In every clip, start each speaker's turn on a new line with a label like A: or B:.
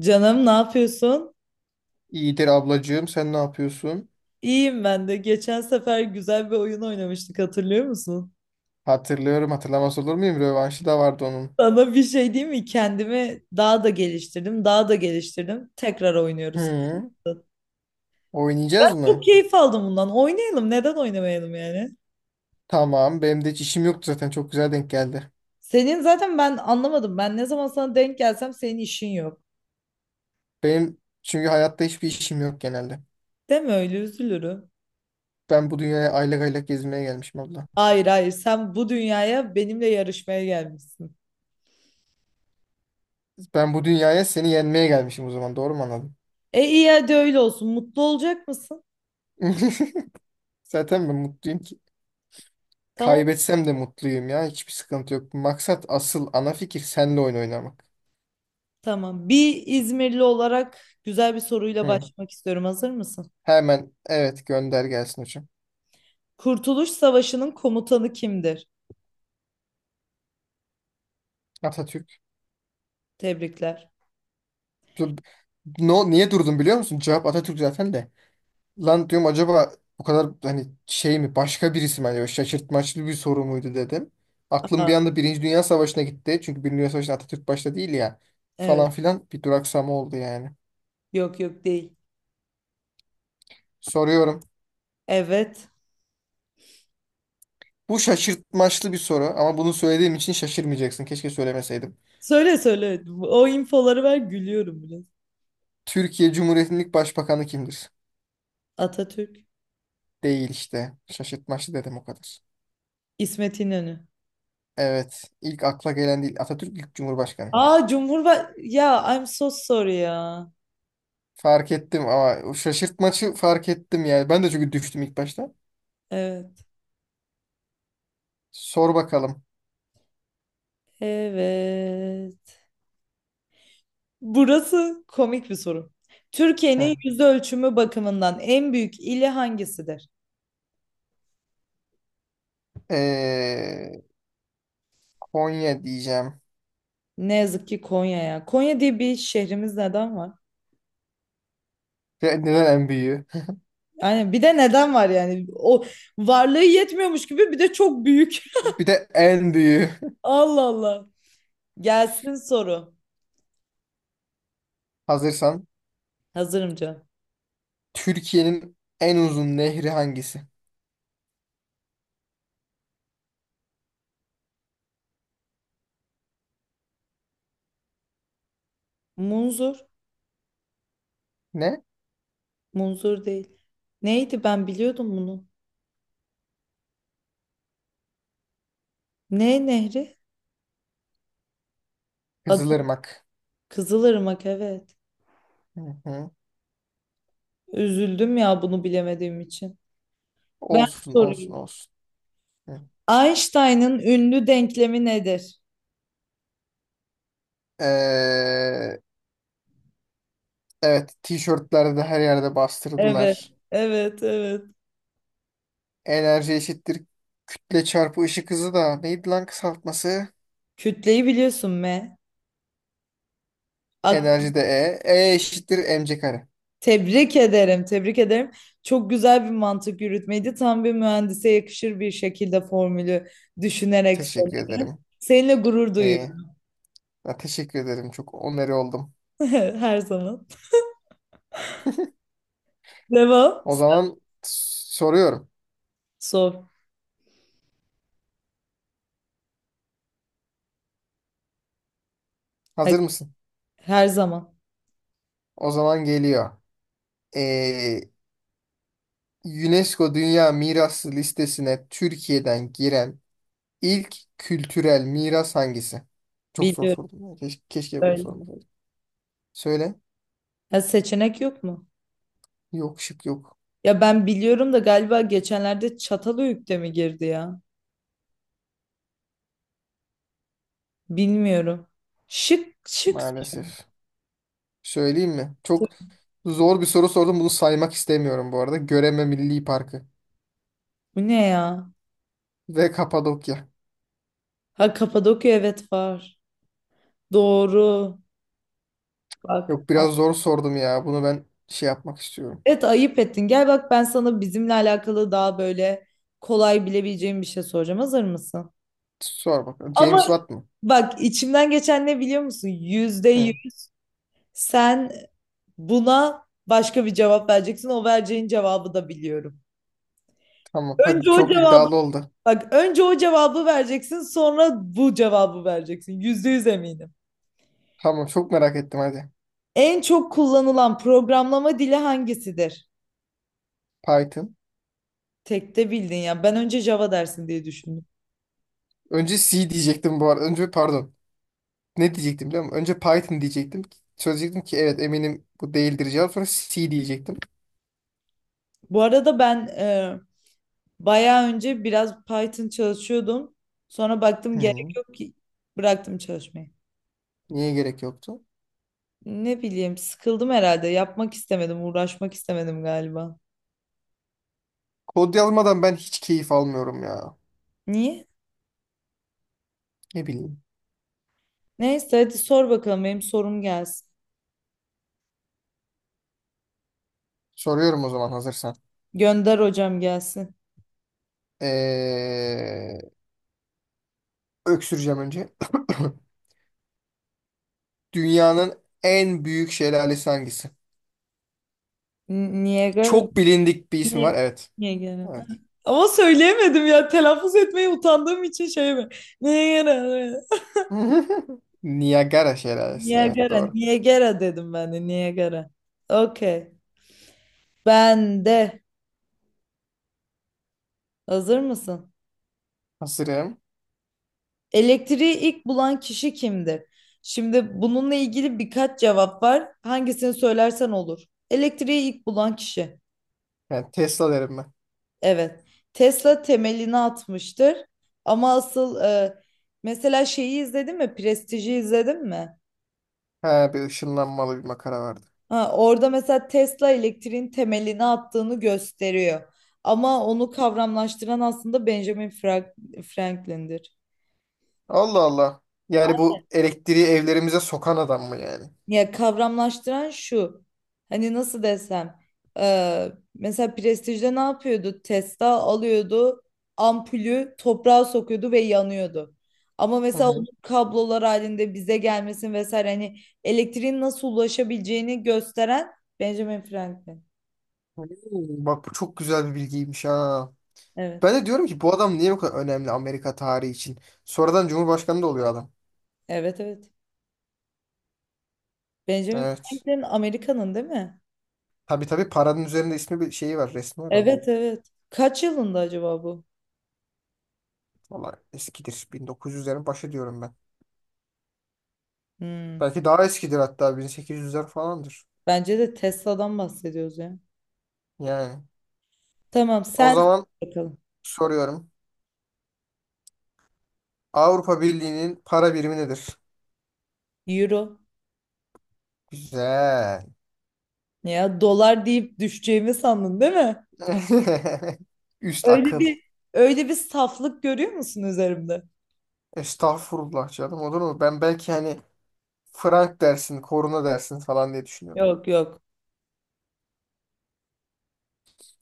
A: Canım ne yapıyorsun?
B: İyidir ablacığım, sen ne yapıyorsun?
A: İyiyim ben de. Geçen sefer güzel bir oyun oynamıştık hatırlıyor musun?
B: Hatırlıyorum, hatırlamaz olur muyum? Rövanşı da vardı onun.
A: Sana bir şey diyeyim mi? Kendimi daha da geliştirdim, daha da geliştirdim. Tekrar oynuyoruz.
B: Hı, oynayacağız
A: Çok
B: mı?
A: keyif aldım bundan. Oynayalım. Neden oynamayalım yani?
B: Tamam, benim de hiç işim yoktu zaten, çok güzel denk geldi.
A: Senin zaten ben anlamadım. Ben ne zaman sana denk gelsem senin işin yok.
B: Benim çünkü hayatta hiçbir işim yok genelde.
A: Deme öyle üzülürüm.
B: Ben bu dünyaya aylak aylak gezmeye gelmişim abla.
A: Hayır hayır, sen bu dünyaya benimle yarışmaya gelmişsin.
B: Ben bu dünyaya seni yenmeye gelmişim, o zaman doğru mu anladım?
A: E iyi, hadi öyle olsun. Mutlu olacak mısın?
B: Zaten ben mutluyum ki.
A: Tamam.
B: Kaybetsem de mutluyum ya, hiçbir sıkıntı yok. Maksat, asıl ana fikir, senle oyun oynamak.
A: Tamam. Bir İzmirli olarak güzel bir soruyla
B: Hı.
A: başlamak istiyorum. Hazır mısın?
B: Hemen evet, gönder gelsin hocam.
A: Kurtuluş Savaşı'nın komutanı kimdir?
B: Atatürk.
A: Tebrikler.
B: No, niye durdum biliyor musun? Cevap Atatürk zaten de. Lan diyorum acaba bu kadar hani şey mi, başka birisi mi? Hani şaşırtmaçlı bir soru muydu dedim. Aklım bir
A: Aa,
B: anda Birinci Dünya Savaşı'na gitti. Çünkü Birinci Dünya Savaşı'nda Atatürk başta değil ya.
A: evet.
B: Falan filan, bir duraksama oldu yani.
A: Yok yok, değil.
B: Soruyorum.
A: Evet.
B: Bu şaşırtmaçlı bir soru, ama bunu söylediğim için şaşırmayacaksın. Keşke söylemeseydim.
A: Söyle söyle. O infoları ver, gülüyorum biraz.
B: Türkiye Cumhuriyeti'nin ilk başbakanı kimdir?
A: Atatürk.
B: Değil işte. Şaşırtmaçlı dedim o kadar.
A: İsmet İnönü.
B: Evet. ilk akla gelen değil. Atatürk ilk cumhurbaşkanı.
A: Aa, Cumhurba... Ya, I'm so sorry ya.
B: Fark ettim, ama o şaşırtmacı, fark ettim yani. Ben de çünkü düştüm ilk başta.
A: Evet.
B: Sor bakalım.
A: Evet. Burası komik bir soru. Türkiye'nin
B: Hı.
A: yüz ölçümü bakımından en büyük ili hangisidir?
B: Ee, Konya diyeceğim.
A: Ne yazık ki Konya ya. Konya diye bir şehrimiz neden var?
B: Ve neden en büyüğü?
A: Yani bir de neden var yani? O varlığı yetmiyormuş gibi bir de çok büyük.
B: Bir de en büyüğü.
A: Allah Allah. Gelsin soru.
B: Hazırsan.
A: Hazırım canım.
B: Türkiye'nin en uzun nehri hangisi?
A: Munzur.
B: Ne?
A: Munzur değil. Neydi, ben biliyordum bunu. Ne nehri? Adı
B: Kızılırmak.
A: Kızılırmak, evet.
B: Hı hı.
A: Üzüldüm ya bunu bilemediğim için. Ben
B: Olsun olsun
A: sorayım.
B: olsun. Hı.
A: Einstein'ın ünlü denklemi nedir?
B: Ee, evet, tişörtlerde de her yerde
A: Evet.
B: bastırdılar.
A: Evet evet.
B: Enerji eşittir kütle çarpı ışık hızı, da neydi lan kısaltması?
A: Kütleyi biliyorsun, me.
B: Enerji de E. E eşittir mc kare.
A: Tebrik ederim, tebrik ederim. Çok güzel bir mantık yürütmeydi. Tam bir mühendise yakışır bir şekilde formülü düşünerek
B: Teşekkür
A: söyledi.
B: ederim.
A: Seninle gurur
B: E.
A: duyuyorum,
B: Ya teşekkür ederim. Çok onarı oldum.
A: her zaman. Devam.
B: O zaman soruyorum.
A: Sor.
B: Hazır
A: Hadi.
B: mısın?
A: Her zaman.
B: O zaman geliyor. E, UNESCO Dünya Mirası listesine Türkiye'den giren ilk kültürel miras hangisi? Çok zor
A: Biliyorum
B: sordum ya. Keşke bunu
A: öyle.
B: sormasaydım. Söyle.
A: Ya, seçenek yok mu?
B: Yok, şık yok.
A: Ya ben biliyorum da galiba geçenlerde Çatalhöyük'te mi girdi ya? Bilmiyorum. Şık şık.
B: Maalesef. Söyleyeyim mi? Çok zor bir soru sordum. Bunu saymak istemiyorum bu arada. Göreme Milli Parkı.
A: Bu ne ya?
B: Ve Kapadokya.
A: Ha, Kapadokya, evet, var. Doğru. Bak.
B: Yok, biraz zor sordum ya. Bunu ben şey yapmak istiyorum.
A: Evet, ayıp ettin. Gel bak, ben sana bizimle alakalı daha böyle kolay bilebileceğim bir şey soracağım. Hazır mısın?
B: Sor bakalım. James
A: Ama
B: Watt mı?
A: bak, içimden geçen ne biliyor musun? Yüzde
B: Hı,
A: yüz sen buna başka bir cevap vereceksin. O vereceğin cevabı da biliyorum.
B: tamam. Hadi,
A: Önce o
B: çok
A: cevabı,
B: iddialı oldu.
A: bak, önce o cevabı vereceksin, sonra bu cevabı vereceksin. %100 eminim.
B: Tamam, çok merak ettim hadi.
A: En çok kullanılan programlama dili hangisidir?
B: Python.
A: Tekte bildin ya. Ben önce Java dersin diye düşündüm.
B: Önce C diyecektim bu arada. Önce, pardon. Ne diyecektim biliyor musun? Önce Python diyecektim. Söyleyecektim ki evet, eminim bu değildir cevap. Sonra C diyecektim.
A: Bu arada ben bayağı önce biraz Python çalışıyordum. Sonra baktım
B: Hı,
A: gerek yok ki, bıraktım çalışmayı.
B: niye gerek yoktu?
A: Ne bileyim, sıkıldım herhalde. Yapmak istemedim, uğraşmak istemedim galiba.
B: Kod yazmadan ben hiç keyif almıyorum ya.
A: Niye?
B: Ne bileyim.
A: Neyse, hadi sor bakalım, benim sorum gelsin.
B: Soruyorum o zaman, hazırsan.
A: Gönder hocam, gelsin.
B: Ee, öksüreceğim önce. Dünyanın en büyük şelalesi hangisi?
A: Niagara.
B: Çok bilindik bir ismi
A: Ni-
B: var. Evet.
A: Niagara.
B: Evet.
A: Ama söyleyemedim ya. Telaffuz etmeyi utandığım için şey mi? Niagara.
B: Niagara şelalesi. Evet,
A: Niagara.
B: doğru.
A: Niagara dedim ben de. Niagara. Okey. Ben de. Hazır mısın?
B: Hazırım.
A: Elektriği ilk bulan kişi kimdir? Şimdi bununla ilgili birkaç cevap var. Hangisini söylersen olur. Elektriği ilk bulan kişi.
B: Yani Tesla derim ben.
A: Evet. Tesla temelini atmıştır. Ama asıl mesela şeyi izledin mi? Prestij'i izledin mi?
B: He, bir ışınlanmalı bir makara vardı.
A: Ha, orada mesela Tesla elektriğin temelini attığını gösteriyor. Ama onu kavramlaştıran aslında Benjamin Franklin'dir.
B: Allah Allah. Yani bu elektriği evlerimize sokan adam mı yani?
A: Ya kavramlaştıran şu. Hani nasıl desem. Mesela Prestige'de ne yapıyordu? Testa alıyordu. Ampulü toprağa sokuyordu ve yanıyordu. Ama
B: Hı
A: mesela onun
B: hı.
A: kablolar halinde bize gelmesin vesaire, hani elektriğin nasıl ulaşabileceğini gösteren Benjamin Franklin.
B: Hmm, bak bu çok güzel bir bilgiymiş ha. Ben
A: Evet.
B: de diyorum ki bu adam niye bu kadar önemli Amerika tarihi için? Sonradan Cumhurbaşkanı da oluyor adam.
A: Evet evet. Benjamin
B: Evet.
A: Franklin Amerika'nın değil mi?
B: Tabii tabii, paranın üzerinde ismi bir şeyi var, resmi var onun.
A: Evet evet. Kaç yılında acaba bu?
B: Valla eskidir. 1900'lerin başı diyorum ben.
A: Hmm.
B: Belki daha eskidir, hatta 1800'ler falandır.
A: Bence de Tesla'dan bahsediyoruz ya.
B: Yani.
A: Tamam,
B: O
A: sen
B: zaman
A: bakalım.
B: soruyorum. Avrupa Birliği'nin para birimi nedir?
A: Euro.
B: Güzel.
A: Ne, ya dolar deyip düşeceğimi sandın değil mi?
B: Üst
A: Öyle
B: akıl.
A: bir öyle bir saflık görüyor musun üzerimde?
B: Estağfurullah canım, olur mu? Ben belki hani frank dersin, koruna dersin falan diye düşünüyordum.
A: Yok yok.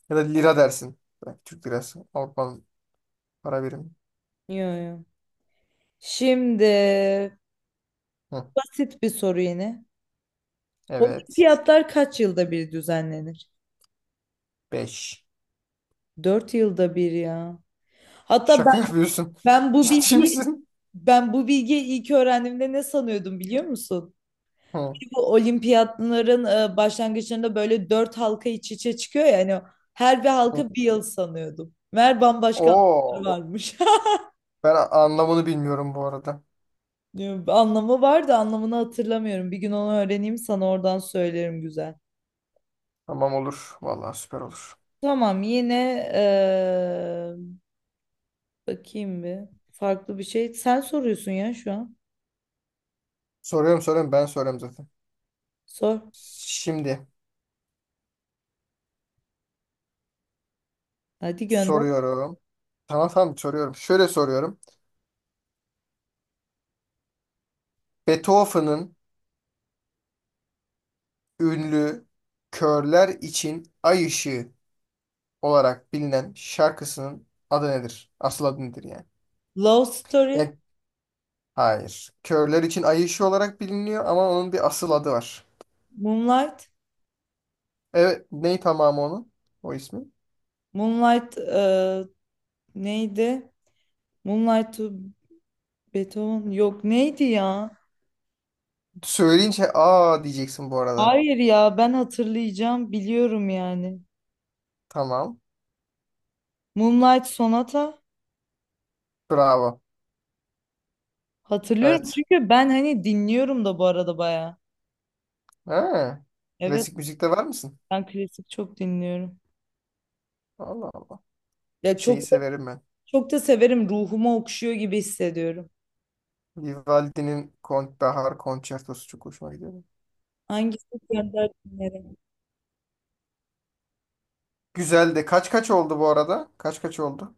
B: Ya da lira dersin. Belki Türk lirası. Avrupa'nın para birimi.
A: Yok yok. Şimdi
B: Hı.
A: basit bir soru yine.
B: Evet.
A: Olimpiyatlar kaç yılda bir düzenlenir?
B: 5.
A: 4 yılda bir ya. Hatta ben,
B: Şaka yapıyorsun.
A: ben bu
B: Ciddi
A: bilgiyi
B: misin?
A: ben bu bilgiyi ilk öğrendiğimde ne sanıyordum biliyor musun?
B: Hı.
A: Bu olimpiyatların başlangıçlarında böyle dört halka iç içe çıkıyor ya hani, her bir
B: Hı.
A: halka bir yıl sanıyordum. Meğer bambaşka
B: Oo.
A: halkaları varmış.
B: Ben anlamını bilmiyorum bu arada.
A: Diyorum, anlamı vardı, anlamını hatırlamıyorum. Bir gün onu öğreneyim, sana oradan söylerim, güzel.
B: Tamam, olur. Vallahi süper olur.
A: Tamam yine, bakayım bir farklı bir şey. Sen soruyorsun ya şu an.
B: Soruyorum, soruyorum, ben soruyorum zaten.
A: Sor.
B: Şimdi
A: Hadi gönder.
B: soruyorum. Tamam tamam, soruyorum. Şöyle soruyorum. Beethoven'ın ünlü Körler için Ay Işığı olarak bilinen şarkısının adı nedir? Asıl adı nedir yani?
A: Love Story.
B: Yani hayır. Körler için Ay Işığı olarak biliniyor, ama onun bir asıl adı var.
A: Moonlight.
B: Evet, ney tamamı onun? O ismi.
A: Moonlight neydi? Moonlight to Beethoven, yok neydi ya?
B: Söyleyince aa diyeceksin bu arada.
A: Hayır ya, ben hatırlayacağım, biliyorum yani.
B: Tamam.
A: Moonlight Sonata,
B: Bravo.
A: hatırlıyorum
B: Evet.
A: çünkü ben hani dinliyorum da bu arada baya.
B: Ha,
A: Evet,
B: klasik müzikte var mısın?
A: ben klasik çok dinliyorum.
B: Allah Allah.
A: Ya
B: Şeyi
A: çok da,
B: severim ben.
A: çok da severim, ruhuma okşuyor gibi hissediyorum.
B: Vivaldi'nin Kont Bahar Konçertosu çok hoşuma gidiyor.
A: Hangisi, gönder dinlerim.
B: Güzel de, kaç kaç oldu bu arada? Kaç kaç oldu?